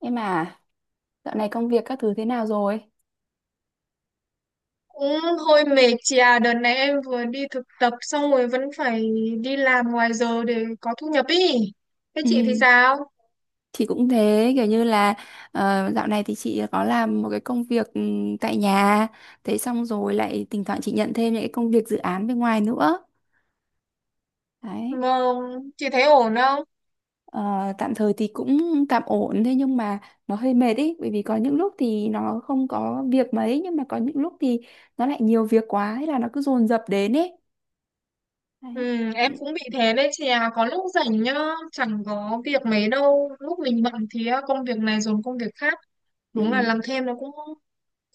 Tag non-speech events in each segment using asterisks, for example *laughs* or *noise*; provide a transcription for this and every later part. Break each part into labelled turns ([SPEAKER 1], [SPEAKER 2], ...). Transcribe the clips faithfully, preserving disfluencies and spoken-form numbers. [SPEAKER 1] Em à, dạo này công việc các thứ thế nào rồi?
[SPEAKER 2] Cũng hơi mệt chị à, đợt này em vừa đi thực tập xong rồi vẫn phải đi làm ngoài giờ để có thu nhập ý. Thế
[SPEAKER 1] Ừ,
[SPEAKER 2] chị thì sao?
[SPEAKER 1] chị cũng thế, kiểu như là ờ, dạo này thì chị có làm một cái công việc, ừ, tại nhà. Thế xong rồi lại thỉnh thoảng chị nhận thêm những cái công việc dự án bên ngoài nữa. Đấy.
[SPEAKER 2] vâng chị thấy ổn không?
[SPEAKER 1] Ờ, tạm thời thì cũng tạm ổn, thế nhưng mà nó hơi mệt ý, bởi vì có những lúc thì nó không có việc mấy, nhưng mà có những lúc thì nó lại nhiều việc quá, hay là nó cứ dồn dập đến ấy. Đấy.
[SPEAKER 2] Ừ, em cũng bị thế đấy chị à, có lúc rảnh nhá, chẳng có việc mấy đâu. Lúc mình bận thì á, công việc này dồn công việc khác.
[SPEAKER 1] Ừ.
[SPEAKER 2] Đúng là làm thêm nó cũng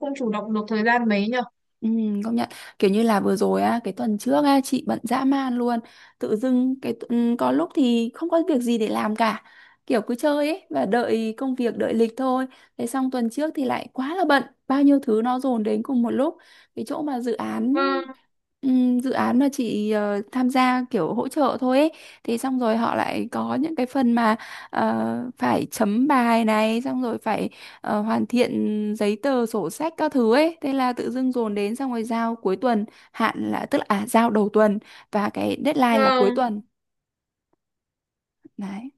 [SPEAKER 2] không chủ động được thời gian mấy nhở.
[SPEAKER 1] Ừ, công nhận, kiểu như là vừa rồi á, cái tuần trước á, chị bận dã man luôn. Tự dưng cái tu- ừ, có lúc thì không có việc gì để làm cả, kiểu cứ chơi ấy và đợi công việc, đợi lịch thôi. Thế xong tuần trước thì lại quá là bận, bao nhiêu thứ nó dồn đến cùng một lúc. Cái chỗ mà dự án.
[SPEAKER 2] Vâng,
[SPEAKER 1] Ừm, dự án mà chị ờ, tham gia kiểu hỗ trợ thôi ấy, thì xong rồi họ lại có những cái phần mà ờ, phải chấm bài này, xong rồi phải ờ, hoàn thiện giấy tờ sổ sách các thứ ấy. Thế là tự dưng dồn đến, xong rồi giao cuối tuần, hạn là tức là à, giao đầu tuần và cái deadline là cuối
[SPEAKER 2] ừ,
[SPEAKER 1] tuần đấy.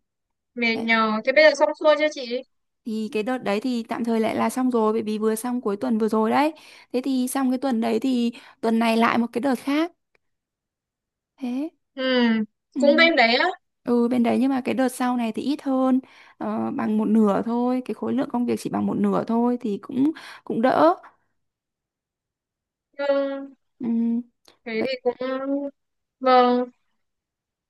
[SPEAKER 2] mệt
[SPEAKER 1] Đấy.
[SPEAKER 2] nhờ. Thế bây giờ xong xuôi chưa chị?
[SPEAKER 1] Thì cái đợt đấy thì tạm thời lại là xong rồi, bởi vì vừa xong cuối tuần vừa rồi đấy. Thế thì xong cái tuần đấy thì tuần này lại một cái đợt khác, thế.
[SPEAKER 2] Ừ,
[SPEAKER 1] Ừ.
[SPEAKER 2] cũng bên đấy á.
[SPEAKER 1] Ừ, bên đấy, nhưng mà cái đợt sau này thì ít hơn, ờ, bằng một nửa thôi, cái khối lượng công việc chỉ bằng một nửa thôi, thì cũng cũng đỡ.
[SPEAKER 2] Ừ,
[SPEAKER 1] Ừ.
[SPEAKER 2] thế
[SPEAKER 1] Vậy
[SPEAKER 2] thì cũng... Vâng,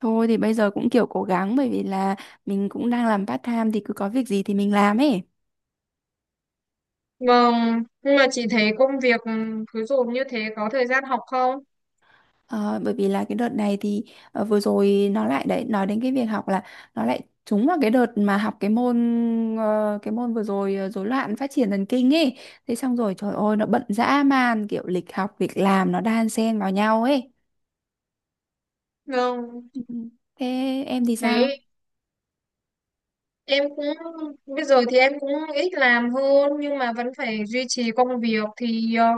[SPEAKER 1] thôi thì bây giờ cũng kiểu cố gắng, bởi vì là mình cũng đang làm part time thì cứ có việc gì thì mình làm ấy.
[SPEAKER 2] vâng, nhưng mà chị thấy công việc ừ, cứ dồn như thế có thời gian học không?
[SPEAKER 1] Ờ, bởi vì là cái đợt này thì ờ, vừa rồi nó lại đấy, nói đến cái việc học là nó lại trúng vào cái đợt mà học cái môn, ờ, cái môn vừa rồi ờ, rối loạn phát triển thần kinh ấy. Thế xong rồi trời ơi, nó bận dã man, kiểu lịch học việc làm nó đan xen vào nhau ấy.
[SPEAKER 2] Vâng,
[SPEAKER 1] Ừ. Thế em thì sao?
[SPEAKER 2] đấy, em cũng bây giờ thì em cũng ít làm hơn nhưng mà vẫn phải duy trì công việc thì ờ,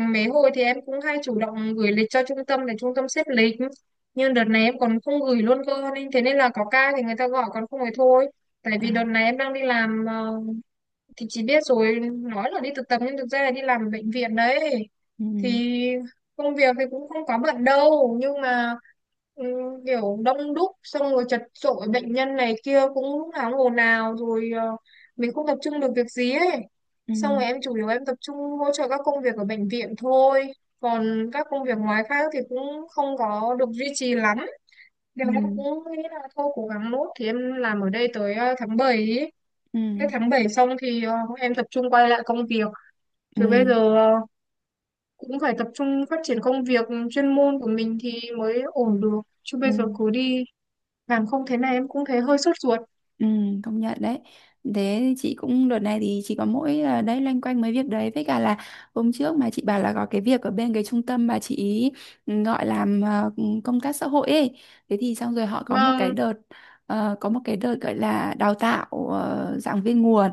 [SPEAKER 2] mấy hồi thì em cũng hay chủ động gửi lịch cho trung tâm để trung tâm xếp lịch. Nhưng đợt này em còn không gửi luôn cơ nên thế nên là có ca thì người ta gọi còn không thì thôi. Tại vì đợt
[SPEAKER 1] À.
[SPEAKER 2] này em đang đi làm ờ, thì chị biết rồi, nói là đi thực tập nhưng thực ra là đi làm ở bệnh viện đấy.
[SPEAKER 1] Ừ.
[SPEAKER 2] Thì công việc thì cũng không quá bận đâu nhưng mà ừ, kiểu đông đúc xong rồi chật chội bệnh nhân này kia cũng lúc nào cũng ồn ào rồi ờ, mình không tập trung được việc gì ấy
[SPEAKER 1] Ừ.
[SPEAKER 2] xong rồi em chủ yếu em tập trung hỗ trợ các công việc ở bệnh viện thôi còn các công việc ngoài khác thì cũng không có được duy trì lắm nên
[SPEAKER 1] Ừ.
[SPEAKER 2] em cũng nghĩ là thôi cố gắng nốt thì em làm ở đây tới ờ, tháng bảy ấy.
[SPEAKER 1] Ừ.
[SPEAKER 2] Cái tháng bảy xong thì ờ, em tập trung quay lại công việc chứ bây
[SPEAKER 1] Ừ.
[SPEAKER 2] giờ ờ, cũng phải tập trung phát triển công việc chuyên môn của mình thì mới ổn được chứ
[SPEAKER 1] Ừ.
[SPEAKER 2] bây giờ cứ đi làm không thế này em cũng thấy hơi sốt ruột.
[SPEAKER 1] Ừ, công nhận đấy. Thế thì chị cũng đợt này thì chị có mỗi là đấy, loanh quanh mấy việc đấy với cả là hôm trước mà chị bảo là có cái việc ở bên cái trung tâm mà chị ý ừ, gọi làm ờ, công tác xã hội ấy. Thế thì xong rồi họ có một cái
[SPEAKER 2] Vâng,
[SPEAKER 1] đợt ờ, có một cái đợt gọi là đào tạo ờ, giảng viên nguồn.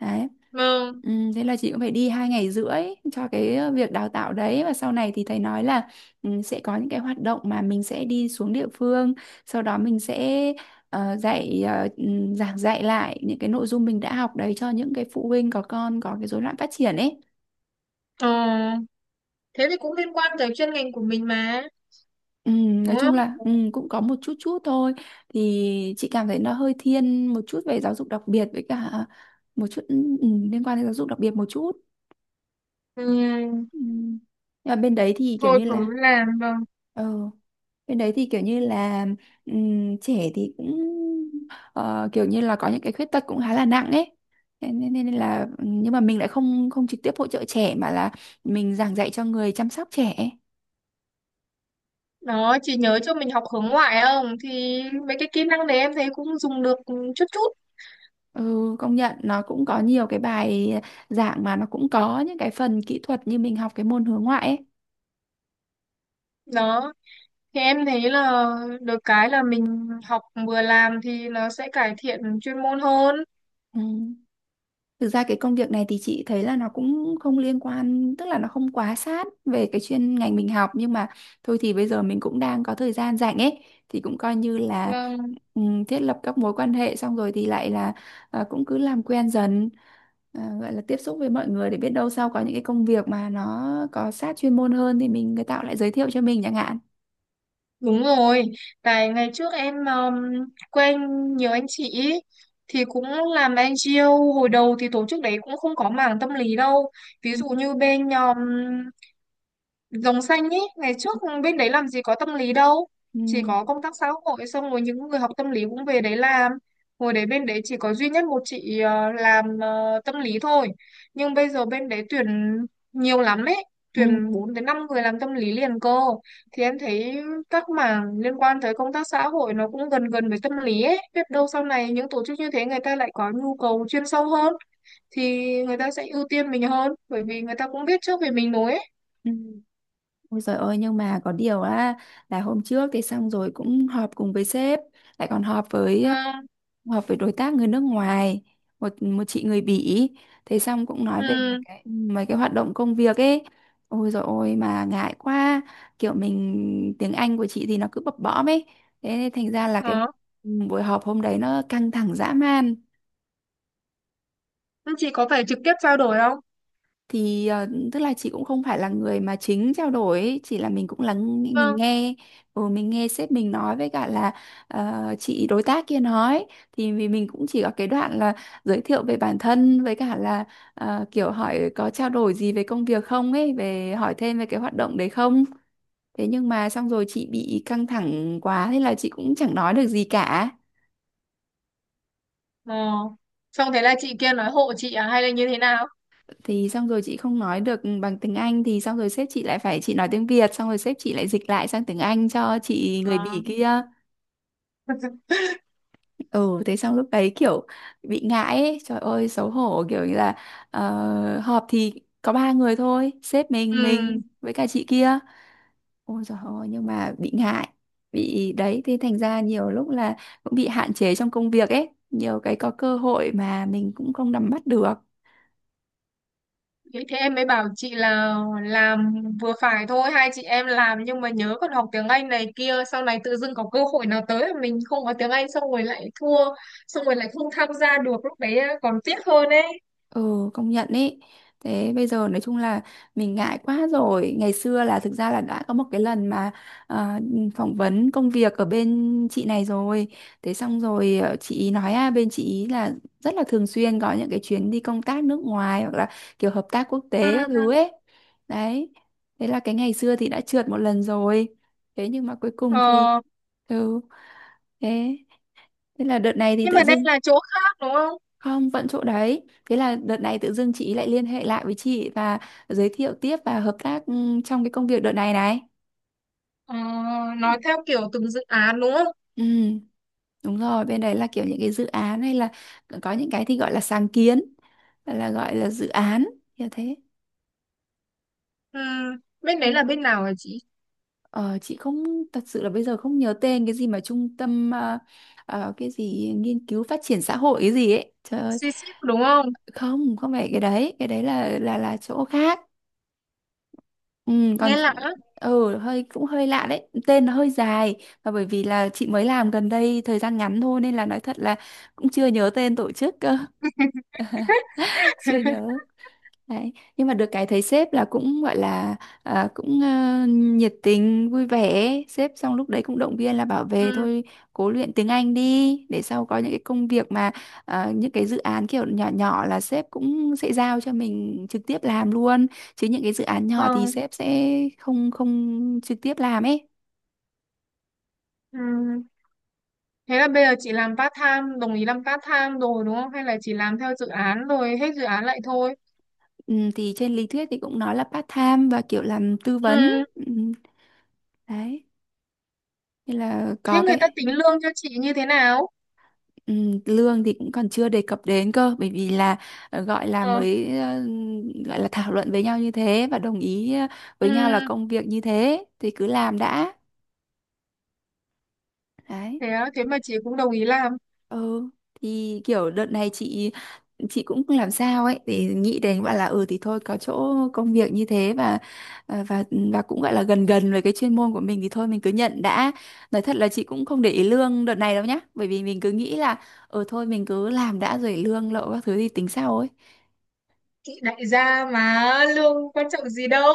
[SPEAKER 1] Đấy.
[SPEAKER 2] vâng,
[SPEAKER 1] Ừ, thế là chị cũng phải đi hai ngày rưỡi cho cái ờ, việc đào tạo đấy. Và sau này thì thầy nói là ừ, sẽ có những cái hoạt động mà mình sẽ đi xuống địa phương, sau đó mình sẽ ờ, dạy ờ, ừ, giảng dạy lại những cái nội dung mình đã học đấy cho những cái phụ huynh có con có cái rối loạn phát triển ấy.
[SPEAKER 2] ờ, thế thì cũng liên quan tới chuyên ngành của mình mà
[SPEAKER 1] ừ,
[SPEAKER 2] đúng
[SPEAKER 1] nói chung
[SPEAKER 2] không?
[SPEAKER 1] là ừ, cũng có một chút chút thôi, thì chị cảm thấy nó hơi thiên một chút về giáo dục đặc biệt với cả ờ, một chút, ừ, liên quan đến giáo dục đặc biệt một chút.
[SPEAKER 2] Ừ,
[SPEAKER 1] Ừ. Nhưng mà bên đấy thì kiểu
[SPEAKER 2] thôi
[SPEAKER 1] như
[SPEAKER 2] cứ
[SPEAKER 1] là.
[SPEAKER 2] làm. Vâng,
[SPEAKER 1] Ừ. Cái đấy thì kiểu như là ừm, trẻ thì cũng ờ, kiểu như là có những cái khuyết tật cũng khá là nặng ấy. Thế Nên, nên, nên là nhưng mà mình lại không không trực tiếp hỗ trợ trẻ mà là mình giảng dạy cho người chăm sóc trẻ.
[SPEAKER 2] đó, chị nhớ cho mình học hướng ngoại không thì mấy cái kỹ năng đấy em thấy cũng dùng được chút chút.
[SPEAKER 1] Ừ, công nhận nó cũng có nhiều cái bài giảng mà nó cũng có những cái phần kỹ thuật như mình học cái môn hướng ngoại ấy.
[SPEAKER 2] Đó, thì em thấy là được cái là mình học vừa làm thì nó sẽ cải thiện chuyên môn hơn.
[SPEAKER 1] Ừ. Thực ra cái công việc này thì chị thấy là nó cũng không liên quan, tức là nó không quá sát về cái chuyên ngành mình học, nhưng mà thôi thì bây giờ mình cũng đang có thời gian rảnh ấy, thì cũng coi như là
[SPEAKER 2] Vâng.
[SPEAKER 1] ừm, thiết lập các mối quan hệ. Xong rồi thì lại là ờ, cũng cứ làm quen dần, à, gọi là tiếp xúc với mọi người để biết đâu sau có những cái công việc mà nó có sát chuyên môn hơn thì mình người ta cũng lại giới thiệu cho mình chẳng hạn.
[SPEAKER 2] Đúng rồi, tại ngày trước em um, quen nhiều anh chị ý, thì cũng làm en ji âu hồi đầu thì tổ chức đấy cũng không có mảng tâm lý đâu. Ví
[SPEAKER 1] Ừ.
[SPEAKER 2] dụ như bên um, Rồng xanh ấy, ngày trước bên đấy làm gì có tâm lý đâu. Chỉ
[SPEAKER 1] Ừ.
[SPEAKER 2] có công tác xã hội xong rồi những người học tâm lý cũng về đấy làm. Hồi đấy bên đấy chỉ có duy nhất một chị ờ, làm ờ, tâm lý thôi. Nhưng bây giờ bên đấy tuyển nhiều lắm ấy.
[SPEAKER 1] Ừ.
[SPEAKER 2] Tuyển bốn đến năm người làm tâm lý liền cơ. Thì em thấy các mảng liên quan tới công tác xã hội nó cũng gần gần với tâm lý ấy. Biết đâu sau này những tổ chức như thế người ta lại có nhu cầu chuyên sâu hơn. Thì người ta sẽ ưu tiên mình hơn. Bởi vì người ta cũng biết trước về mình rồi ấy.
[SPEAKER 1] Ừ. Ôi giời ơi, nhưng mà có điều á là hôm trước thì xong rồi cũng họp cùng với sếp, lại còn họp với
[SPEAKER 2] Vâng,
[SPEAKER 1] họp với đối tác người nước ngoài, một một chị người Bỉ. Thế xong cũng nói về mấy
[SPEAKER 2] ừ,
[SPEAKER 1] cái mấy cái hoạt động công việc ấy. Ôi giời ôi mà ngại quá, kiểu mình tiếng Anh của chị thì nó cứ bập bõm ấy, thế nên thành ra là cái
[SPEAKER 2] đó.
[SPEAKER 1] buổi họp hôm đấy nó căng thẳng dã man.
[SPEAKER 2] Thế chị có phải trực tiếp trao đổi không?
[SPEAKER 1] Thì ờ, tức là chị cũng không phải là người mà chính trao đổi ấy, chỉ là mình cũng lắng mình
[SPEAKER 2] Vâng.
[SPEAKER 1] nghe, ừ, mình nghe sếp mình nói với cả là ờ, chị đối tác kia nói. Thì vì mình cũng chỉ có cái đoạn là giới thiệu về bản thân với cả là ờ, kiểu hỏi có trao đổi gì về công việc không ấy, về hỏi thêm về cái hoạt động đấy không. Thế nhưng mà xong rồi chị bị căng thẳng quá, thế là chị cũng chẳng nói được gì cả.
[SPEAKER 2] Ờ. Xong thế là chị kia nói hộ chị à hay là như thế nào?
[SPEAKER 1] Thì xong rồi chị không nói được bằng tiếng Anh, thì xong rồi sếp chị lại phải, chị nói tiếng Việt xong rồi sếp chị lại dịch lại sang tiếng Anh cho chị
[SPEAKER 2] Ờ.
[SPEAKER 1] người Bỉ kia. ừ Thế xong lúc đấy kiểu bị ngại ấy. Trời ơi xấu hổ, kiểu như là ờ, họp thì có ba người thôi, sếp mình
[SPEAKER 2] Ừ,
[SPEAKER 1] mình với cả chị kia. Ôi trời ơi nhưng mà bị ngại, bị đấy. Thế thành ra nhiều lúc là cũng bị hạn chế trong công việc ấy, nhiều cái có cơ hội mà mình cũng không nắm bắt được.
[SPEAKER 2] thế thế em mới bảo chị là làm vừa phải thôi, hai chị em làm nhưng mà nhớ còn học tiếng Anh này kia, sau này tự dưng có cơ hội nào tới mà mình không có tiếng Anh xong rồi lại thua, xong rồi lại không tham gia được lúc đấy còn tiếc hơn ấy.
[SPEAKER 1] Ừ, công nhận ý. Thế bây giờ nói chung là mình ngại quá rồi. Ngày xưa là thực ra là đã có một cái lần mà à, phỏng vấn công việc ở bên chị này rồi. Thế xong rồi ờ, chị ý nói à, bên chị ý là rất là thường xuyên có những cái chuyến đi công tác nước ngoài hoặc là kiểu hợp tác quốc tế các
[SPEAKER 2] Ừ.
[SPEAKER 1] thứ ấy. Đấy. Thế là cái ngày xưa thì đã trượt một lần rồi. Thế nhưng mà cuối cùng thì
[SPEAKER 2] Ờ.
[SPEAKER 1] ừ thế thế là đợt này thì
[SPEAKER 2] Nhưng
[SPEAKER 1] tự
[SPEAKER 2] mà đây
[SPEAKER 1] dưng.
[SPEAKER 2] là chỗ khác đúng không?
[SPEAKER 1] Không, vẫn chỗ đấy. Thế là đợt này tự dưng chị lại liên hệ lại với chị và giới thiệu tiếp và hợp tác, ừ, trong cái công việc đợt này này.
[SPEAKER 2] Ờ,
[SPEAKER 1] Ừ.
[SPEAKER 2] nói theo kiểu từng dự án đúng không?
[SPEAKER 1] Ừ, đúng rồi, bên đấy là kiểu những cái dự án hay là có những cái thì gọi là sáng kiến, là gọi là dự án, như thế.
[SPEAKER 2] Ừ. Bên
[SPEAKER 1] Ừ.
[SPEAKER 2] đấy là bên nào hả chị?
[SPEAKER 1] Ờ, chị không thật sự là bây giờ không nhớ tên, cái gì mà trung tâm ờ, ờ, cái gì nghiên cứu phát triển xã hội cái gì ấy. Trời ơi,
[SPEAKER 2] Xí xíp đúng không?
[SPEAKER 1] không, không phải cái đấy, cái đấy là là là chỗ khác. Ừ, còn
[SPEAKER 2] Nghe lạ lắm.
[SPEAKER 1] ừ hơi cũng hơi lạ đấy, tên nó hơi dài, và bởi vì là chị mới làm gần đây thời gian ngắn thôi nên là nói thật là cũng chưa nhớ tên tổ chức cơ *laughs* chưa nhớ. Đấy. Nhưng mà được cái thấy sếp là cũng gọi là à, cũng ờ, nhiệt tình vui vẻ. Sếp xong lúc đấy cũng động viên là bảo về
[SPEAKER 2] Ừ,
[SPEAKER 1] thôi, cố luyện tiếng Anh đi để sau có những cái công việc mà ờ, những cái dự án kiểu nhỏ nhỏ là sếp cũng sẽ giao cho mình trực tiếp làm luôn, chứ những cái dự án nhỏ thì
[SPEAKER 2] vâng.
[SPEAKER 1] sếp sẽ không không trực tiếp làm ấy.
[SPEAKER 2] Ừ. Thế là bây giờ chị làm part time, đồng ý làm part time rồi đúng không? Hay là chỉ làm theo dự án rồi hết dự án lại thôi?
[SPEAKER 1] Ừ, thì trên lý thuyết thì cũng nói là part time và kiểu làm tư vấn,
[SPEAKER 2] Ừ.
[SPEAKER 1] ừ, đấy, nên là
[SPEAKER 2] Thế
[SPEAKER 1] có
[SPEAKER 2] người ta
[SPEAKER 1] cái.
[SPEAKER 2] tính lương cho chị như thế nào?
[SPEAKER 1] Ừ, lương thì cũng còn chưa đề cập đến cơ, bởi vì là ờ, gọi là
[SPEAKER 2] Ờ.
[SPEAKER 1] mới, ờ, gọi là thảo luận với nhau như thế và đồng ý ờ,
[SPEAKER 2] Ừ.
[SPEAKER 1] với nhau là công việc như thế thì cứ làm đã. Đấy.
[SPEAKER 2] Thế á, thế mà chị cũng đồng ý làm.
[SPEAKER 1] Ừ, thì kiểu đợt này chị chị cũng không làm sao ấy để nghĩ đến, gọi là ừ thì thôi, có chỗ công việc như thế, và à, và và cũng gọi là gần gần với cái chuyên môn của mình thì thôi mình cứ nhận đã. Nói thật là chị cũng không để ý lương đợt này đâu nhá, bởi vì mình cứ nghĩ là ừ thôi mình cứ làm đã, rồi lương lậu các thứ thì tính sau ấy.
[SPEAKER 2] Chị đại gia mà lương quan trọng gì đâu.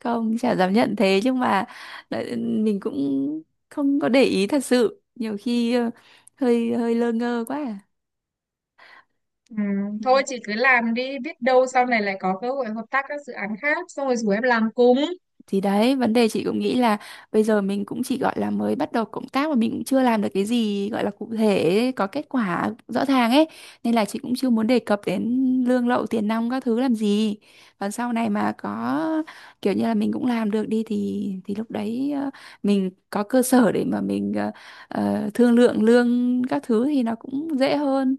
[SPEAKER 1] Không, chả dám nhận, thế nhưng mà lại- mình cũng không có để ý thật sự, nhiều khi ờ, hơi hơi lơ ngơ quá à.
[SPEAKER 2] Ừ.
[SPEAKER 1] Ừ.
[SPEAKER 2] Thôi chị cứ làm đi, biết đâu sau này lại có cơ hội hợp tác các dự án khác xong rồi rủ em làm cùng.
[SPEAKER 1] Thì đấy, vấn đề chị cũng nghĩ là bây giờ mình cũng chỉ gọi là mới bắt đầu cộng tác và mình cũng chưa làm được cái gì gọi là cụ thể, có kết quả rõ ràng ấy. Nên là chị cũng chưa muốn đề cập đến lương lậu, tiền nong các thứ làm gì. Còn sau này mà có kiểu như là mình cũng làm được đi thì thì lúc đấy ờ, mình có cơ sở để mà mình ờ, ờ, thương lượng lương các thứ thì nó cũng dễ hơn.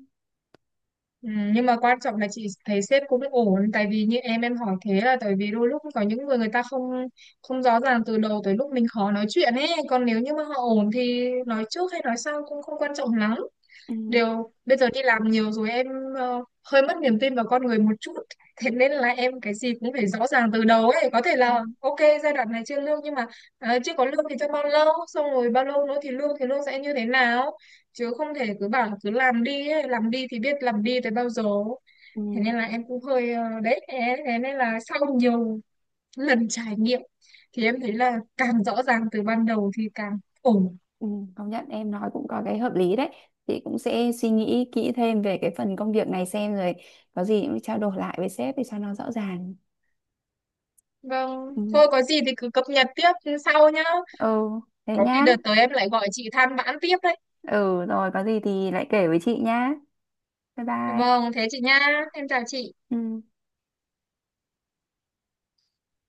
[SPEAKER 2] Ừ, nhưng mà quan trọng là chị thấy sếp cũng ổn tại vì như em em hỏi thế là tại vì đôi lúc có những người người ta không không rõ ràng từ đầu tới lúc mình khó nói chuyện ấy còn nếu như mà họ ổn thì nói trước hay nói sau cũng không quan trọng lắm.
[SPEAKER 1] Ừ.
[SPEAKER 2] Điều bây giờ đi làm nhiều rồi em ờ, hơi mất niềm tin vào con người một chút. Thế nên là em cái gì cũng phải rõ ràng từ đầu ấy. Có thể là ok giai đoạn này chưa lương nhưng mà ờ, chưa có lương thì trong bao lâu, xong rồi bao lâu nữa thì lương thì lương sẽ như thế nào. Chứ không thể cứ bảo là cứ làm đi ấy. Làm đi thì biết làm đi tới bao giờ.
[SPEAKER 1] Ừ.
[SPEAKER 2] Thế nên là em cũng hơi ờ, đấy. Thế thế nên là sau nhiều lần trải nghiệm thì em thấy là càng rõ ràng từ ban đầu thì càng ổn.
[SPEAKER 1] Ừ, công nhận em nói cũng có cái hợp lý đấy, chị cũng sẽ suy nghĩ kỹ thêm về cái phần công việc này xem rồi có gì cũng trao đổi lại với sếp để cho nó rõ ràng.
[SPEAKER 2] Vâng,
[SPEAKER 1] Ừ,
[SPEAKER 2] thôi có gì thì cứ cập nhật tiếp sau nhá.
[SPEAKER 1] ừ, thế
[SPEAKER 2] Có khi
[SPEAKER 1] nhá.
[SPEAKER 2] đợt tới em lại gọi chị than vãn tiếp đấy.
[SPEAKER 1] Ừ, rồi có gì thì lại kể với chị nhá, bye bye.
[SPEAKER 2] Vâng, thế chị nha. Em chào chị.
[SPEAKER 1] Ừ.